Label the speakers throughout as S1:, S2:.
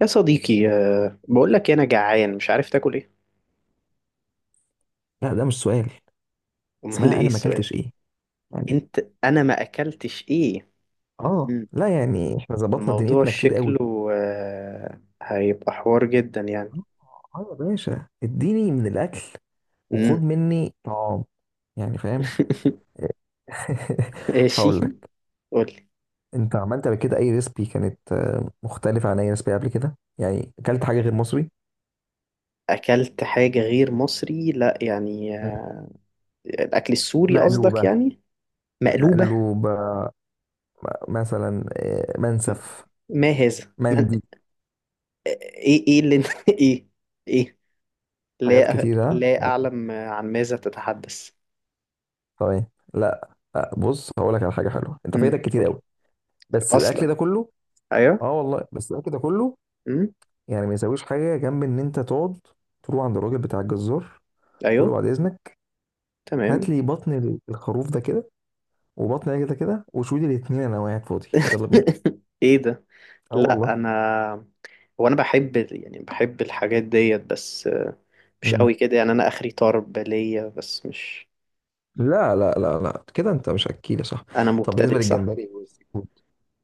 S1: يا صديقي بقول لك انا جعان مش عارف تاكل ايه.
S2: لا، ده مش سؤال.
S1: امال
S2: اسمها
S1: ايه
S2: انا ما
S1: السؤال؟
S2: اكلتش ايه؟ يعني.
S1: انت انا ما اكلتش ايه.
S2: اه،
S1: مم.
S2: لا يعني احنا ظبطنا
S1: الموضوع
S2: دنيتنا كتير قوي.
S1: شكله هيبقى حوار جدا يعني.
S2: اه. يا باشا، اديني من الاكل وخد
S1: امم
S2: مني طعام. يعني، فاهم؟
S1: ماشي،
S2: هقول لك.
S1: قول لي.
S2: انت عملت قبل كده اي ريسبي كانت مختلفه عن اي ريسبي قبل كده؟ يعني اكلت حاجه غير مصري؟
S1: اكلت حاجة غير مصري؟ لا يعني
S2: مم.
S1: الاكل السوري قصدك
S2: مقلوبه.
S1: يعني؟ مقلوبة.
S2: مقلوبه. مثلا، منسف،
S1: ما هذا من...
S2: مندي.
S1: ايه ايه اللي انت ايه؟ ايه؟
S2: حاجات
S1: لا
S2: كتيره.
S1: لا اعلم عن ماذا تتحدث.
S2: طيب. لا. لا، بص، هقول لك على حاجه حلوه انت فايتك كتير
S1: قول لي.
S2: قوي. بس الاكل
S1: اصلا
S2: ده كله.
S1: ايوه.
S2: اه والله، بس الاكل ده كله.
S1: امم
S2: يعني، ما يساويش حاجه جنب ان انت تقعد تروح عند الراجل بتاع الجزار، تقول له:
S1: ايوه،
S2: بعد اذنك،
S1: تمام.
S2: هات لي بطن الخروف ده كده، وبطن ده كده كده، وشوي لي الاتنين، انا قاعد فاضي، يلا بينا.
S1: ايه ده؟
S2: اه
S1: لا
S2: والله.
S1: انا، انا بحب يعني بحب الحاجات ديت، بس مش
S2: مم.
S1: قوي كده يعني. انا اخري طرب ليا بس مش.
S2: لا لا لا لا، كده انت مش اكيل يا صاحبي.
S1: انا
S2: طب، بالنسبه
S1: مبتدئ صح.
S2: للجمبري والسي فود؟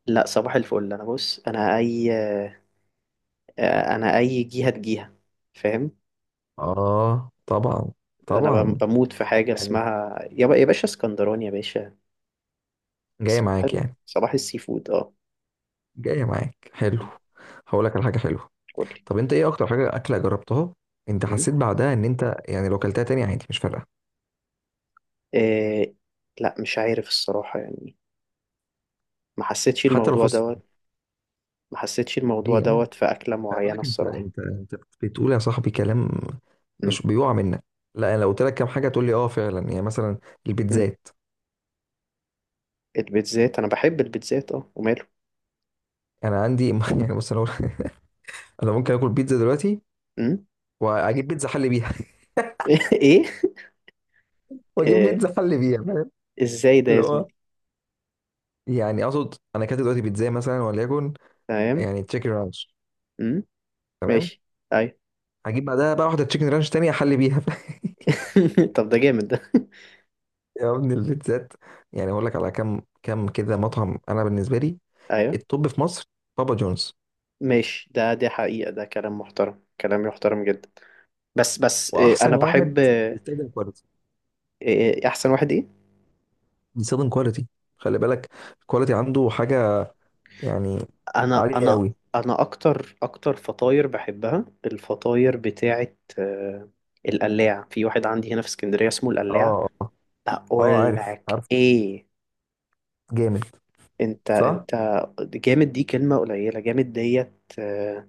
S1: لا صباح الفل. انا بص انا اي جهة تجيها فاهم.
S2: اه، طبعا.
S1: انا
S2: طبعا.
S1: بموت في حاجة
S2: يعني.
S1: اسمها يا باشا اسكندراني يا باشا.
S2: جايه معاك يعني.
S1: صباح السي فود اه.
S2: جايه معاك، حلو. هقول لك على حاجه حلوه.
S1: قولي.
S2: طب انت ايه اكتر حاجه اكله جربتها؟ انت
S1: م?
S2: حسيت بعدها ان انت، يعني، لو اكلتها تاني عادي مش فارقه؟
S1: إيه... لا مش عارف الصراحة يعني. ما حسيتش
S2: حتى لو
S1: الموضوع
S2: فزت.
S1: دوت. ما حسيتش الموضوع
S2: ليه يعني؟
S1: دوت في أكلة
S2: انا بقول
S1: معينة
S2: لك انت
S1: الصراحة.
S2: انت انت بتقول يا صاحبي كلام مش
S1: امم
S2: بيقع منك. لا، انا لو قلت لك كام حاجه تقول لي اه فعلا، يعني مثلا
S1: امم
S2: البيتزات.
S1: البيتزات، أنا بحب البيتزات أه وماله.
S2: انا عندي يعني، بص، انا ممكن اكل بيتزا دلوقتي
S1: امم
S2: واجيب بيتزا حل بيها.
S1: إيه؟
S2: واجيب
S1: إيه،
S2: بيتزا حل بيها، فاهم؟
S1: إزاي ده يا
S2: اللي هو،
S1: زميلي؟
S2: يعني اقصد، انا اكلت دلوقتي بيتزا مثلا وليكن،
S1: تمام.
S2: يعني تشيكن رانش.
S1: امم
S2: تمام.
S1: ماشي، أيوة.
S2: هجيب بعدها بقى واحده تشيكن رانش تانية احل بيها.
S1: طب ده جامد ده.
S2: يا ابني البيتزات. يعني اقول لك على كم كم كده مطعم انا بالنسبه لي
S1: أيوة،
S2: التوب في مصر: بابا جونز.
S1: ماشي. ده دي حقيقة، ده كلام محترم، كلام يحترم جدا. بس
S2: واحسن
S1: أنا
S2: واحد
S1: بحب
S2: بيستخدم كواليتي.
S1: أحسن واحد إيه؟
S2: بيستخدم كواليتي، خلي بالك، الكواليتي عنده حاجه يعني
S1: أنا
S2: عاليه
S1: أنا
S2: قوي.
S1: أنا أكتر فطاير، بحبها الفطاير بتاعت القلاع، في واحد عندي هنا في اسكندرية اسمه القلاع.
S2: اه، اه. اه
S1: اقول
S2: عارف
S1: لك
S2: عارف.
S1: ايه؟
S2: جامد.
S1: انت
S2: صح.
S1: انت جامد. دي كلمة قليلة، جامد ديت. آه،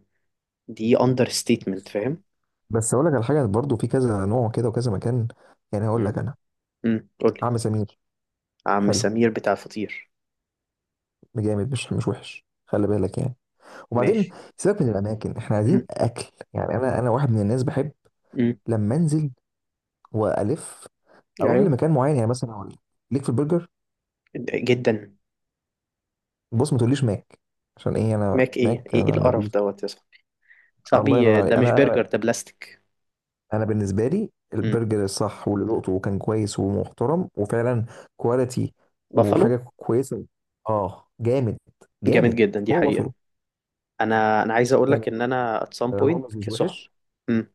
S1: دي اندر ستيتمنت،
S2: ماشي.
S1: فاهم.
S2: بس اقول لك على حاجه، برضو في كذا نوع كده وكذا مكان، يعني هقول
S1: امم
S2: لك انا:
S1: قول لي.
S2: عم سمير.
S1: عم
S2: حلو.
S1: سمير بتاع الفطير.
S2: جامد، مش وحش، خلي بالك يعني. وبعدين،
S1: ماشي.
S2: سيبك من الاماكن، احنا عايزين
S1: امم
S2: اكل. يعني، انا واحد من الناس بحب
S1: امم
S2: لما انزل والف اروح
S1: ايوه،
S2: لمكان معين، يعني مثلا اقول لك، ليك في البرجر.
S1: جدا.
S2: بص، ما تقوليش ماك. عشان ايه؟ انا
S1: ماك ايه
S2: ماك،
S1: ايه إيه
S2: انا
S1: القرف
S2: ما...
S1: دوت يا صاحبي؟
S2: الله
S1: صاحبي
S2: ينور
S1: ده
S2: عليك.
S1: مش
S2: انا
S1: برجر، ده بلاستيك.
S2: انا بالنسبه لي
S1: امم
S2: البرجر الصح، واللي ذقته وكان كويس ومحترم وفعلا كواليتي
S1: بافالو
S2: وحاجه كويسه. اه، جامد.
S1: جامد
S2: جامد.
S1: جدا، دي
S2: هو
S1: حقيقة.
S2: بافلو.
S1: انا عايز اقول
S2: يعني،
S1: لك ان انا at some point
S2: هولمز مش
S1: كصحاب.
S2: وحش.
S1: امم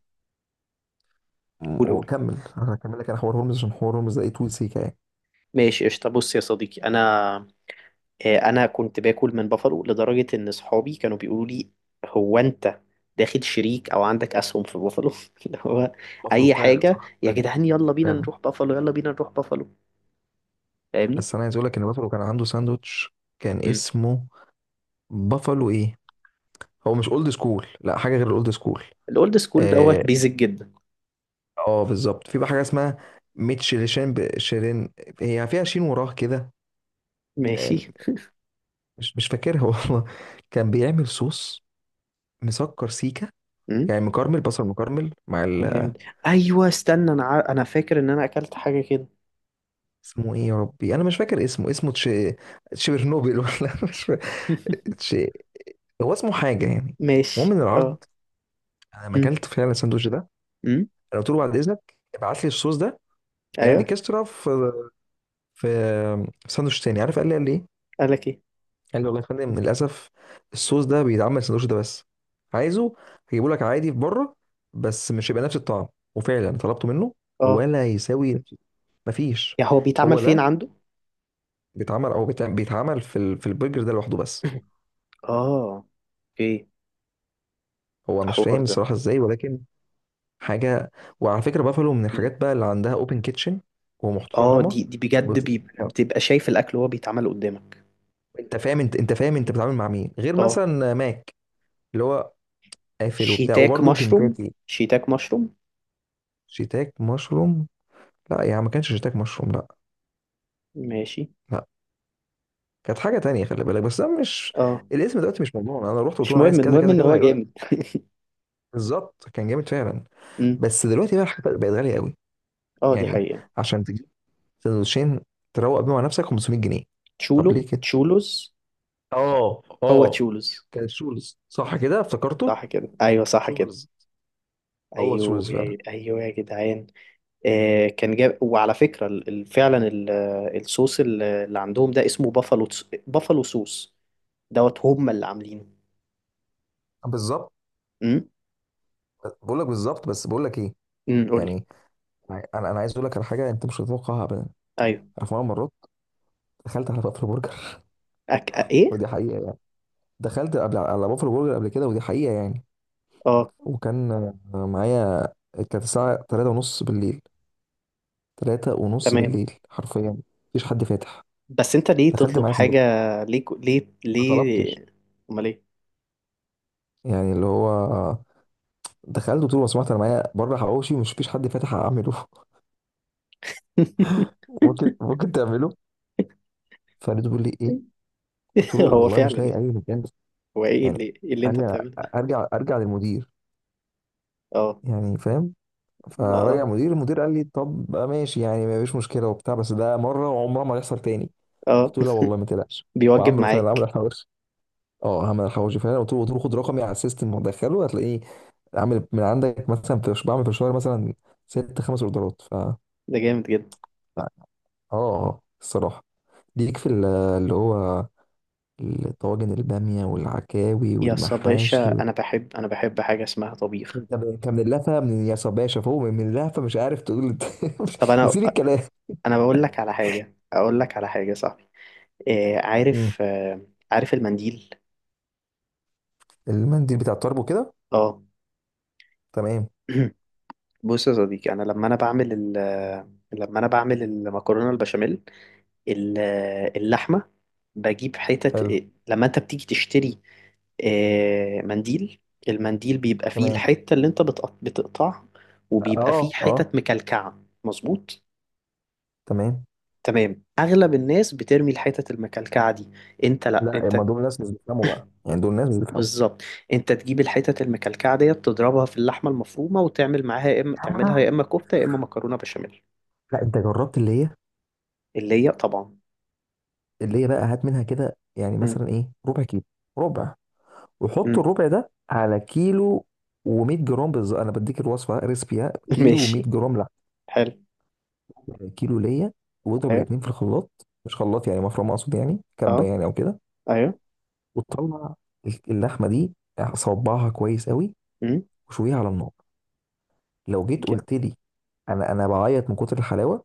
S1: قول قول
S2: وكمل، انا هكمل لك انا حوار هولمز، عشان حوار هولمز ده ايه، طول سيكه يعني.
S1: ماشي، قشطة. بص يا صديقي انا انا كنت باكل من بافالو لدرجه ان صحابي كانوا بيقولوا لي: هو انت داخل شريك او عندك اسهم في بافالو؟ اللي هو،
S2: بافلو
S1: اي
S2: فعلا
S1: حاجه
S2: صح
S1: يا
S2: فعلا.
S1: جدعان يلا بينا
S2: فعلا.
S1: نروح بافالو، يلا بينا نروح بافالو، فاهمني.
S2: بس انا عايز اقول لك ان بافلو كان عنده ساندوتش كان
S1: امم
S2: اسمه بافلو ايه. هو مش اولد سكول، لا حاجه غير الاولد سكول.
S1: الاولد سكول
S2: اه.
S1: دوت بيزك جدا.
S2: بالظبط، في بقى حاجه اسمها ميتشيلشين شيرين، هي فيها شين وراه كده. آه،
S1: ماشي.
S2: مش فاكرها والله. كان بيعمل صوص مسكر سيكا،
S1: امم
S2: يعني مكرمل، بصل مكرمل مع
S1: أيام-
S2: ال...
S1: ايوه استنى، انا انا فاكر ان انا اكلت حاجه كده.
S2: اسمه ايه يا ربي، انا مش فاكر اسمه تش... تشيرنوبل، ولا مش فاكر. تش... هو اسمه حاجه يعني. المهم
S1: ماشي،
S2: من العرض،
S1: اه.
S2: انا ما
S1: امم
S2: اكلت فعلا الساندوتش ده.
S1: امم
S2: انا قلت له: بعد اذنك، ابعت لي الصوص ده، يعني
S1: ايوه.
S2: كسرة في ساندوتش تاني، عارف؟ قال لي ايه؟
S1: قالك ايه؟
S2: قال لي: والله يا فندم، للاسف الصوص ده بيتعمل السندوتش ده بس، عايزه هجيبه لك عادي في بره بس مش هيبقى نفس الطعم. وفعلا طلبته منه
S1: اه.
S2: ولا يساوي نفس. مفيش.
S1: يا هو بيتعمل
S2: هو
S1: فين
S2: ده
S1: عنده؟
S2: بيتعمل، او بيتعمل في البرجر ده لوحده بس.
S1: اه، اوكي.
S2: هو مش
S1: الحوار
S2: فاهم
S1: ده
S2: الصراحه ازاي، ولكن حاجه. وعلى فكره، بافالو من الحاجات بقى اللي عندها اوبن كيتشن
S1: اه،
S2: ومحترمه.
S1: دي دي بجد،
S2: وبتقدم
S1: بي
S2: حاجة-
S1: بتبقى شايف الاكل وهو بيتعمل قدامك.
S2: انت فاهم، انت فاهم انت
S1: مم.
S2: بتتعامل مع مين غير
S1: اه.
S2: مثلا ماك، اللي هو قافل وبتاع،
S1: شيتاك
S2: وبرده
S1: مشروم،
S2: كنتاكي.
S1: شيتاك مشروم.
S2: شيتاك مشروم. لا يعني، ما كانش شتاك مشروم، لا.
S1: ماشي،
S2: لا. كانت حاجه تانية، خلي بالك، بس ده مش
S1: اه.
S2: الاسم دلوقتي، مش موضوع. انا رحت قلت
S1: مش
S2: له انا
S1: مهم،
S2: عايز كذا
S1: المهم
S2: كذا
S1: ان
S2: كذا،
S1: هو
S2: هيقول لك
S1: جامد.
S2: بالظبط. كان جامد فعلا.
S1: مم.
S2: بس دلوقتي بقى الحاجات بقت غاليه قوي،
S1: اه، دي
S2: يعني
S1: حقيقة.
S2: عشان تجيب سندوتشين تروق بيهم على نفسك 500 جنيه. طب
S1: تشولو
S2: ليه كده؟
S1: تشولوز.
S2: اه
S1: هو
S2: اه.
S1: تشولوز.
S2: كان شولز، صح كده، افتكرته.
S1: صح كده، ايوه، صح كده،
S2: شولز. هو
S1: ايوه.
S2: شولز فعلا.
S1: ايوه يا جدعان. آه كان جاب، وعلى فكرة فعلا الصوص اللي عندهم ده اسمه بافالو بافالو صوص دوت، هم اللي عاملينه.
S2: بالظبط،
S1: امم
S2: بقول لك بالظبط، بس بقول لك ايه،
S1: قول لي.
S2: يعني انا انا عايز اقول لك على حاجه انت مش هتتوقعها ابدا.
S1: ايوه.
S2: انا في مره مرات دخلت على بافلو برجر.
S1: أك... ايه؟
S2: ودي حقيقه، دخلت قبل على بافلو برجر قبل كده، ودي حقيقة يعني.
S1: اه،
S2: وكان معايا، كانت الساعة تلاتة ونص بالليل. تلاتة ونص
S1: تمام.
S2: بالليل حرفيا. مفيش حد فاتح.
S1: بس انت ليه
S2: دخلت
S1: تطلب
S2: معايا
S1: حاجة؟
S2: سندوتش،
S1: ليه ليه
S2: ما
S1: ليه
S2: طلبتش.
S1: امال ايه؟
S2: يعني اللي هو دخلت وقلت له: لو سمحت، انا معايا بره حواوشي ومش فيش حد فاتح اعمله، ممكن تعمله؟ فلقيته بيقول لي ايه. قلت له:
S1: هو
S2: والله مش
S1: فعلا
S2: لاقي
S1: يعني.
S2: اي مكان، بس.
S1: هو ايه اللي
S2: يعني
S1: اللي
S2: قال
S1: انت
S2: لي:
S1: بتعمله ده؟
S2: ارجع للمدير،
S1: اه.
S2: يعني فاهم. فرجع
S1: اه،
S2: المدير، قال لي: طب ماشي، يعني ما فيش مشكله وبتاع، بس ده مره وعمره ما هيحصل تاني.
S1: اه،
S2: قلت له: لا والله، ما تقلقش.
S1: بيوجب
S2: وعمله فعلا، عمل
S1: معاك.
S2: الحواوشي. اه، عمل الحواوشي فعلا. قلت له: خد رقمي على السيستم ودخله هتلاقيه عامل من عندك، مثلا في بعمل في الشهر مثلا ست خمس اوردرات ف...
S1: ده جامد جدا.
S2: لا. اه. الصراحه، ليك في اللي هو الطواجن، الباميه والعكاوي
S1: يا
S2: والمحاشي
S1: باشا
S2: وال...
S1: انا بحب حاجة اسمها طبيخ.
S2: انت من، اللهفه من يا صباشا فوق، من اللهفه مش عارف تقول انت.
S1: طب انا،
S2: نسيت الكلام.
S1: انا بقول لك على حاجة اقول لك على حاجة صح. إيه
S2: مم.
S1: عارف آه، عارف المنديل.
S2: المنديل بتاع الطرب وكده.
S1: اه.
S2: تمام.
S1: بص يا صديقي، انا لما انا بعمل المكرونة البشاميل، ال- اللحمة، بجيب حتت.
S2: حلو.
S1: لما انت بتيجي تشتري منديل، المنديل بيبقى فيه
S2: تمام.
S1: الحتة اللي انت بتقطعها، وبيبقى
S2: اه
S1: فيه
S2: اه.
S1: حتت مكلكعة، مظبوط.
S2: تمام.
S1: تمام. اغلب الناس بترمي الحتت المكلكعة دي، انت لا
S2: لا،
S1: انت
S2: ما دول ناس مش بيفهموا بقى، يعني دول ناس مش بيفهموا.
S1: بالظبط، انت تجيب الحتت المكلكعة ديت تضربها في اللحمة المفرومة وتعمل معاها يا اما تعملها يا
S2: آه.
S1: اما كفتة يا اما مكرونة بشاميل.
S2: لا، انت جربت اللي هي،
S1: اللي هي طبعا.
S2: اللي هي بقى، هات منها كده يعني
S1: م-
S2: مثلا ايه، ربع كيلو. ربع،
S1: م.
S2: وحط الربع ده على كيلو و100 جرام بالظبط. انا بديك الوصفه، ريسبيها كيلو و100
S1: ماشي،
S2: جرام لحمه،
S1: حلو.
S2: كيلو ليا. واضرب
S1: ايوه،
S2: الاثنين في الخلاط، مش خلاط يعني مفرمه، اقصد يعني كبه،
S1: اه،
S2: يعني او كده.
S1: ايوه.
S2: وتطلع اللحمه دي، صبعها كويس قوي
S1: م.
S2: وشويها على النار. لو جيت قلت لي، انا بعيط من كتر الحلاوه.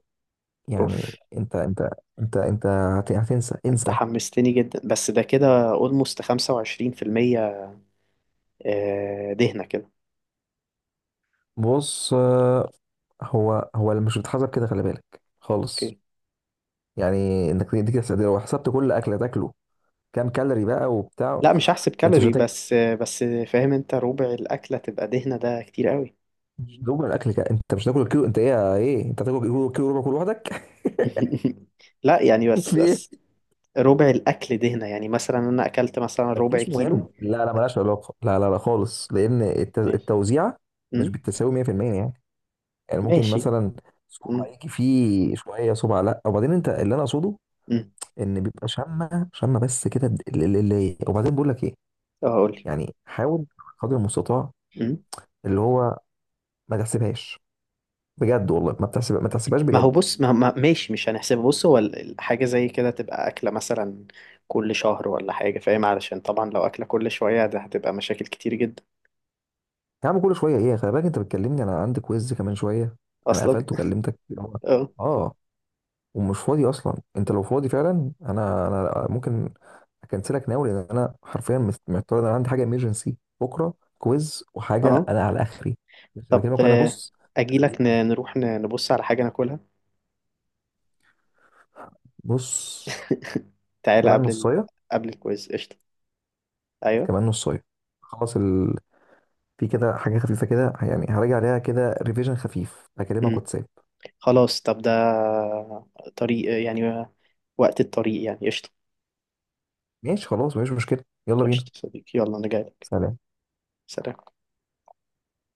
S1: اوف.
S2: يعني، انت هتنسى
S1: انت
S2: انسى.
S1: حمستني جدا، بس ده كده اولموست 25%، دهنة كده.
S2: بص هو اللي مش بتحسب كده، خلي بالك خالص.
S1: اوكي.
S2: يعني انك دي كده تقدير، لو حسبت كل اكله تاكله كام كالوري بقى وبتاع.
S1: لا مش هحسب
S2: انت مش
S1: كالوري،
S2: هتاكل،
S1: بس بس فاهم. انت ربع الاكلة تبقى دهنة؟ ده كتير قوي.
S2: مش هتاكل الاكل كده. انت مش هتاكل كيلو، انت ايه ايه، انت هتاكل كيلو ربع كل لوحدك.
S1: لا يعني، بس
S2: في
S1: بس
S2: ايه؟
S1: ربع الاكل دهنة، يعني مثلا انا اكلت مثلا ربع
S2: مفيش
S1: كيلو.
S2: مهم، لا لا ملهاش علاقه، لا لا لا خالص، لان
S1: ماشي.
S2: التوزيعه مش
S1: امم
S2: بالتساوي 100%. يعني يعني ممكن
S1: ماشي.
S2: مثلا صبع
S1: امم
S2: يجي فيه شويه صبع، لا، وبعدين انت اللي انا اقصده
S1: امم
S2: ان بيبقى شامه شامه بس كده اللي اللي. وبعدين بقول لك ايه،
S1: اه قولي.
S2: يعني حاول قدر المستطاع اللي هو ما تحسبهاش، بجد والله ما بتحسب، ما تحسبهاش
S1: ما هو
S2: بجد.
S1: بص، ماشي مش هنحسبه. بص هو حاجة زي كده تبقى أكلة مثلا كل شهر ولا حاجة فاهم، علشان طبعا لو أكلة كل شوية ده هتبقى مشاكل كتير جدا.
S2: يا عم، كل شويه ايه، خلي بالك، انت بتكلمني انا عندي كويز كمان شويه. انا
S1: أصلا.
S2: قفلت وكلمتك، اللي هو
S1: اه،
S2: اه، ومش فاضي اصلا. انت لو فاضي فعلا، انا ممكن اكنسلك، ناوي، لان انا حرفيا محتار، إن انا عندي حاجه ايمرجنسي بكره، كويز وحاجه،
S1: اه.
S2: انا على اخري. بس
S1: طب
S2: بكلمك وانا بص، ماسك
S1: أجيلك،
S2: زوري.
S1: نروح نبص على حاجة ناكلها.
S2: بص.
S1: تعالى
S2: كمان
S1: قبل
S2: نص.
S1: ال... قبل الكويز، قشطة. أيوه.
S2: كمان نصايه، خلاص ال... في كده حاجه خفيفه كده، يعني هراجع عليها كده ريفيجن خفيف، هكلمك
S1: مم.
S2: واتساب.
S1: خلاص. طب ده طريق يعني، وقت الطريق يعني، قشطة.
S2: ماشي، خلاص، مفيش مشكله. يلا بينا.
S1: قشطة صديقي، يلا أنا جايلك.
S2: سلام.
S1: سلام.